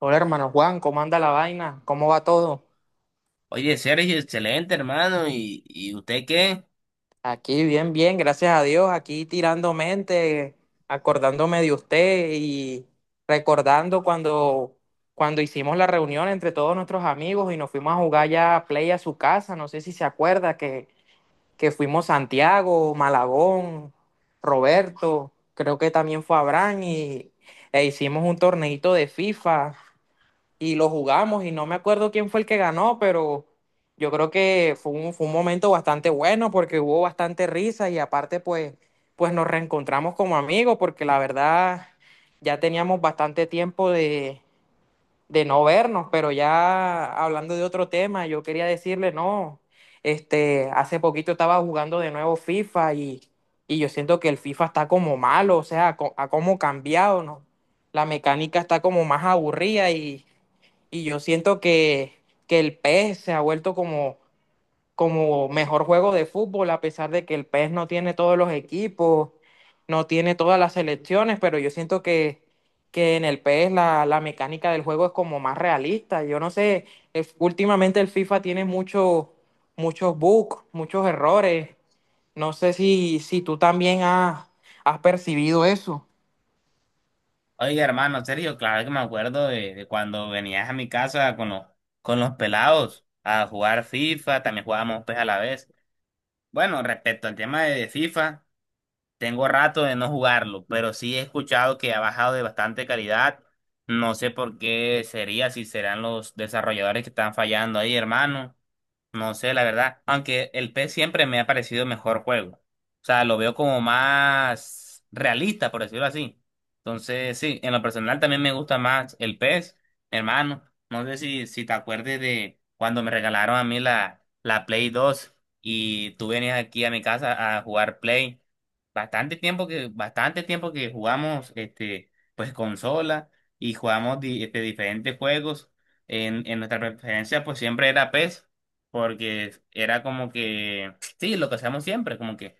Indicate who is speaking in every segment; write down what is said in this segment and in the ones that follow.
Speaker 1: Hola hermano Juan, ¿cómo anda la vaina? ¿Cómo va todo?
Speaker 2: Oye, Sergio, excelente, hermano. ¿Y usted qué?
Speaker 1: Aquí bien, bien, gracias a Dios, aquí tirando mente, acordándome de usted y recordando cuando hicimos la reunión entre todos nuestros amigos y nos fuimos a jugar ya a play a su casa. No sé si se acuerda que fuimos Santiago, Malagón, Roberto, creo que también fue Abraham e hicimos un torneito de FIFA. Y lo jugamos y no me acuerdo quién fue el que ganó, pero yo creo que fue fue un momento bastante bueno porque hubo bastante risa y aparte pues nos reencontramos como amigos, porque la verdad ya teníamos bastante tiempo de no vernos. Pero ya hablando de otro tema, yo quería decirle, no, hace poquito estaba jugando de nuevo FIFA y yo siento que el FIFA está como malo, o sea, ha como cambiado, ¿no? La mecánica está como más aburrida y yo siento que el PES se ha vuelto como mejor juego de fútbol, a pesar de que el PES no tiene todos los equipos, no tiene todas las selecciones, pero yo siento que en el PES la mecánica del juego es como más realista. Yo no sé, últimamente el FIFA tiene muchos bugs, muchos errores. No sé si tú también has percibido eso.
Speaker 2: Oye, hermano, Sergio, claro que me acuerdo de cuando venías a mi casa con los pelados a jugar FIFA, también jugábamos PES a la vez. Bueno, respecto al tema de FIFA, tengo rato de no jugarlo, pero sí he escuchado que ha bajado de bastante calidad. No sé por qué sería, si serán los desarrolladores que están fallando ahí, hermano. No sé, la verdad, aunque el PES siempre me ha parecido mejor juego. O sea, lo veo como más realista, por decirlo así. Entonces, sí, en lo personal también me gusta más el PES, hermano. No sé si te acuerdes de cuando me regalaron a mí la Play 2 y tú venías aquí a mi casa a jugar Play. Bastante tiempo que jugamos este, pues consola y jugamos diferentes juegos. En nuestra preferencia, pues siempre era PES porque era como que, sí, lo que hacíamos siempre, como que,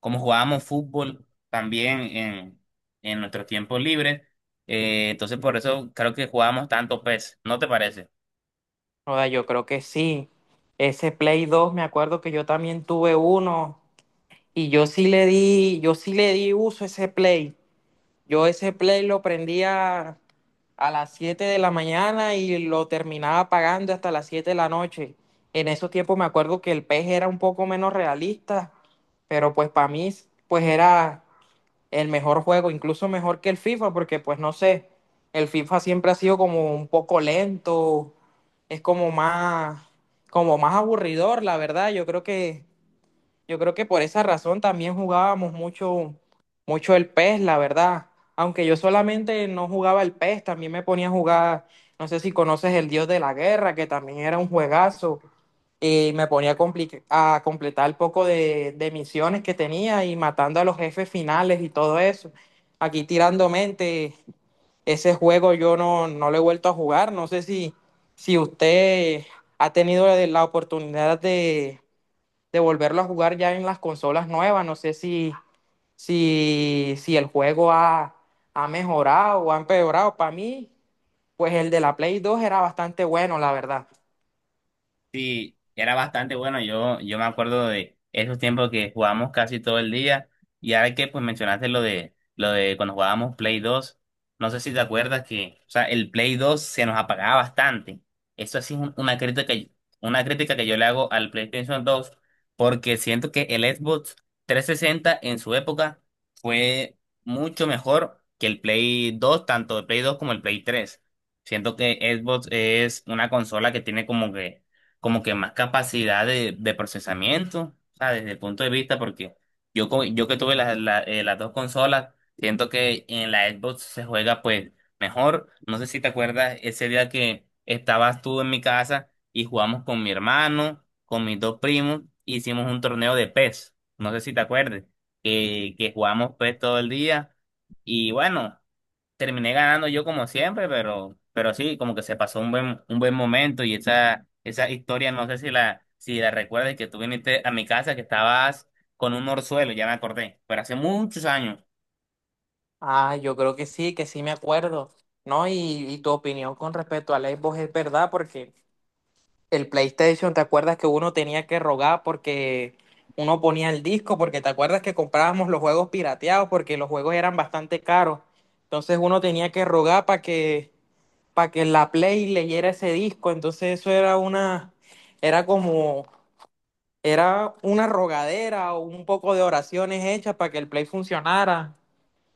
Speaker 2: como jugábamos fútbol también en nuestros tiempos libres, entonces por eso creo que jugábamos tanto PES, ¿no te parece?
Speaker 1: Joda, yo creo que sí. Ese Play dos me acuerdo que yo también tuve uno. Yo sí le di uso a ese play. Yo ese play lo prendía a las 7 de la mañana y lo terminaba pagando hasta las 7 de la noche. En esos tiempos me acuerdo que el pez era un poco menos realista, pero pues para mí pues era el mejor juego, incluso mejor que el FIFA, porque pues no sé, el FIFA siempre ha sido como un poco lento, es como como más aburridor, la verdad. Yo creo que por esa razón también jugábamos mucho el PES, la verdad. Aunque yo solamente no jugaba el PES, también me ponía a jugar, no sé si conoces el Dios de la Guerra, que también era un juegazo, y me ponía a completar el poco de misiones que tenía y matando a los jefes finales y todo eso. Aquí tirando mente, ese juego yo no lo he vuelto a jugar. No sé si usted ha tenido la oportunidad de volverlo a jugar ya en las consolas nuevas. No sé si el juego ha mejorado o ha empeorado. Para mí, pues el de la Play 2 era bastante bueno, la verdad.
Speaker 2: Sí, era bastante bueno. Yo me acuerdo de esos tiempos que jugábamos casi todo el día. Y ahora que pues mencionaste lo de cuando jugábamos Play dos. No sé si te acuerdas que, o sea, el Play dos se nos apagaba bastante. Eso sí es una crítica, una crítica que yo le hago al PlayStation dos, porque siento que el Xbox 360 en su época fue mucho mejor que el Play dos, tanto el Play dos como el Play tres. Siento que Xbox es una consola que tiene como que más capacidad de procesamiento, o sea, desde el punto de vista, porque yo que tuve las dos consolas, siento que en la Xbox se juega pues mejor. No sé si te acuerdas ese día que estabas tú en mi casa y jugamos con mi hermano, con mis dos primos, e hicimos un torneo de PES, no sé si te acuerdas, que jugamos PES todo el día y bueno terminé ganando yo como siempre, pero sí, como que se pasó un buen momento y esa historia, no sé si la recuerdas que tú viniste a mi casa que estabas con un orzuelo, ya me acordé, pero hace muchos años.
Speaker 1: Ah, yo creo que sí me acuerdo, ¿no? Y tu opinión con respecto al Xbox es verdad, porque el PlayStation, ¿te acuerdas que uno tenía que rogar porque uno ponía el disco? Porque te acuerdas que comprábamos los juegos pirateados porque los juegos eran bastante caros. Entonces uno tenía que rogar para que la Play leyera ese disco. Entonces eso era era era una rogadera o un poco de oraciones hechas para que el Play funcionara.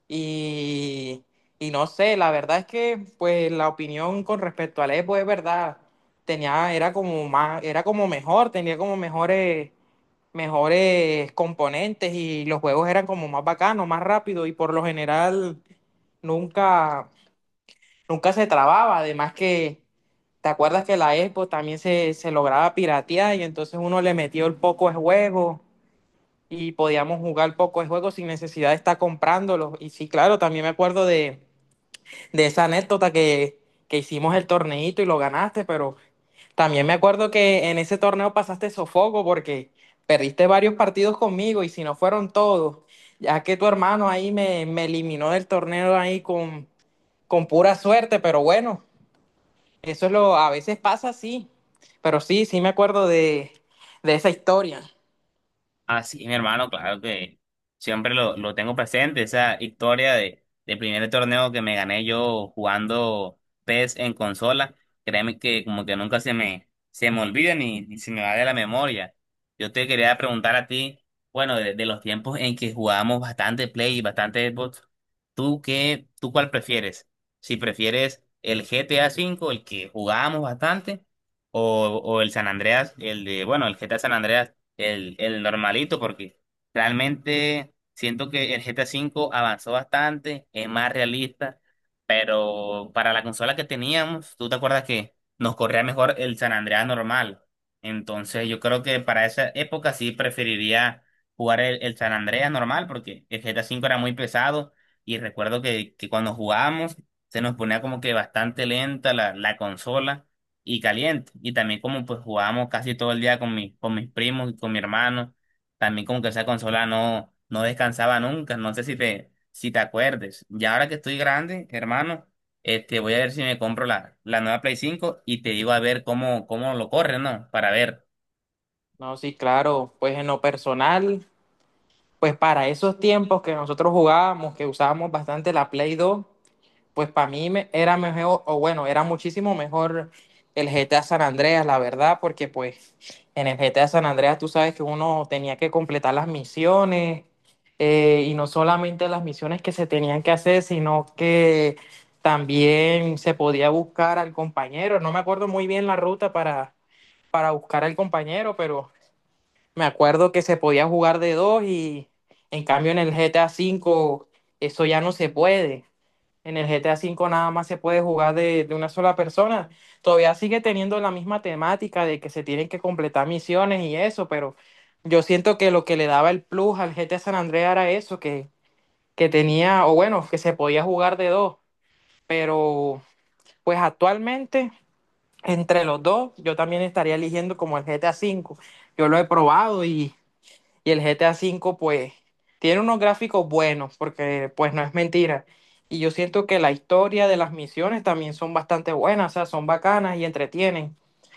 Speaker 1: Y, y no sé, la verdad es que pues la opinión con respecto al Epo es verdad. Era como era como mejor, tenía como mejores componentes, y los juegos eran como más bacanos, más rápidos, y por lo general nunca nunca se trababa. Además ¿te acuerdas que la Xbox también se lograba piratear y entonces uno le metió el poco de juego y podíamos jugar poco de juego sin necesidad de estar comprándolo? Y sí, claro, también me acuerdo de esa anécdota que hicimos el torneito y lo ganaste, pero también me acuerdo que en ese torneo pasaste sofoco porque perdiste varios partidos conmigo, y si no fueron todos, ya que tu hermano ahí me eliminó del torneo ahí con pura suerte. Pero bueno, eso es lo, a veces pasa. Sí, pero sí, sí me acuerdo de esa historia.
Speaker 2: Así mi hermano, claro que siempre lo tengo presente, esa historia del primer torneo que me gané yo jugando PES en consola, créeme que como que nunca se me olvida ni se me va de la memoria. Yo te quería preguntar a ti, bueno, de los tiempos en que jugábamos bastante Play y bastante Xbox, ¿tú qué, tú cuál prefieres? Si prefieres el GTA V, el que jugábamos bastante, o el San Andreas, el de, bueno, el GTA San Andreas el normalito, porque realmente siento que el GTA V avanzó bastante, es más realista, pero para la consola que teníamos, tú te acuerdas que nos corría mejor el San Andreas normal. Entonces yo creo que para esa época sí preferiría jugar el San Andreas normal, porque el GTA V era muy pesado y recuerdo que cuando jugábamos se nos ponía como que bastante lenta la consola y caliente. Y también como pues jugábamos casi todo el día con mis primos y con mi hermano, también como que esa consola no descansaba nunca. No sé si te acuerdes. Y ahora que estoy grande, hermano, voy a ver si me compro la nueva Play 5 y te digo a ver cómo lo corre, ¿no? Para ver.
Speaker 1: No, sí, claro, pues en lo personal, pues para esos tiempos que nosotros jugábamos, que usábamos bastante la Play 2, pues para era mejor, o bueno, era muchísimo mejor el GTA San Andreas, la verdad, porque pues en el GTA San Andreas tú sabes que uno tenía que completar las misiones, y no solamente las misiones que se tenían que hacer, sino que también se podía buscar al compañero. No me acuerdo muy bien la ruta para buscar al compañero, pero me acuerdo que se podía jugar de dos, y en cambio en el GTA V eso ya no se puede. En el GTA V nada más se puede jugar de una sola persona. Todavía sigue teniendo la misma temática de que se tienen que completar misiones y eso, pero yo siento que lo que le daba el plus al GTA San Andreas era eso, que tenía, o bueno, que se podía jugar de dos. Pero pues actualmente, entre los dos, yo también estaría eligiendo como el GTA V. Yo lo he probado y el GTA V, pues, tiene unos gráficos buenos, porque, pues, no es mentira. Y yo siento que la historia de las misiones también son bastante buenas, o sea, son bacanas y entretienen.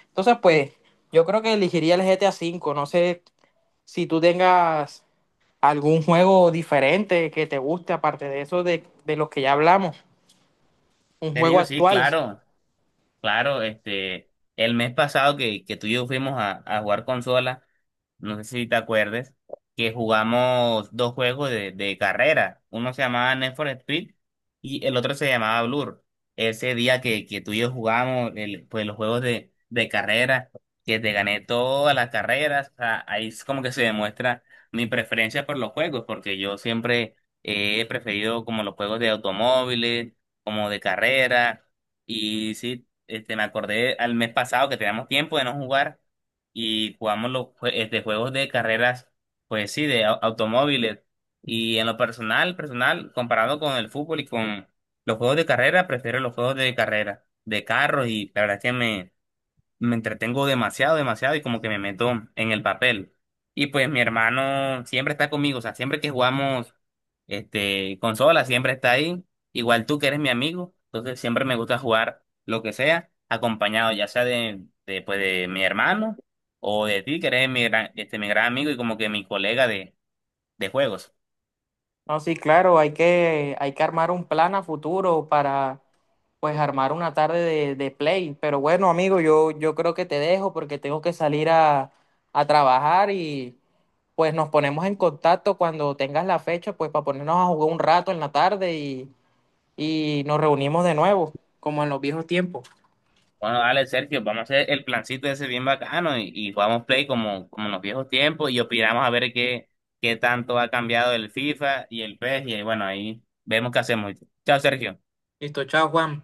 Speaker 1: Entonces, pues, yo creo que elegiría el GTA V. No sé si tú tengas algún juego diferente que te guste, aparte de eso de los que ya hablamos, un
Speaker 2: Te
Speaker 1: juego
Speaker 2: digo, sí,
Speaker 1: actual.
Speaker 2: claro. Claro, el mes pasado que tú y yo fuimos a jugar consola, no sé si te acuerdes, que jugamos dos juegos de carrera. Uno se llamaba Need for Speed y el otro se llamaba Blur. Ese día que tú y yo jugamos pues, los juegos de carrera, que te gané todas las carreras, o sea, ahí es como que se demuestra mi preferencia por los juegos, porque yo siempre he preferido como los juegos de automóviles, como de carrera. Y sí, me acordé al mes pasado que teníamos tiempo de no jugar y jugamos los juegos de carreras, pues sí, de automóviles. Y en lo personal, personal, comparado con el fútbol y con los juegos de carrera, prefiero los juegos de carrera, de carros y la verdad es que me entretengo demasiado, demasiado y como que me meto en el papel. Y pues mi hermano siempre está conmigo, o sea, siempre que jugamos consola, siempre está ahí. Igual tú que eres mi amigo, entonces siempre me gusta jugar lo que sea, acompañado ya sea de, pues, de mi hermano o de ti que eres mi gran amigo y como que mi colega de juegos.
Speaker 1: No, sí, claro, hay hay que armar un plan a futuro pues, armar una tarde de play. Pero bueno, amigo, yo creo que te dejo porque tengo que salir a trabajar y, pues, nos ponemos en contacto cuando tengas la fecha, pues, para ponernos a jugar un rato en la tarde y nos reunimos de nuevo, como en los viejos tiempos.
Speaker 2: Bueno, dale, Sergio, vamos a hacer el plancito ese bien bacano y jugamos play como en los viejos tiempos y opinamos a ver qué tanto ha cambiado el FIFA y el PES y bueno, ahí vemos qué hacemos. Chao, Sergio.
Speaker 1: Listo, chao, Juan.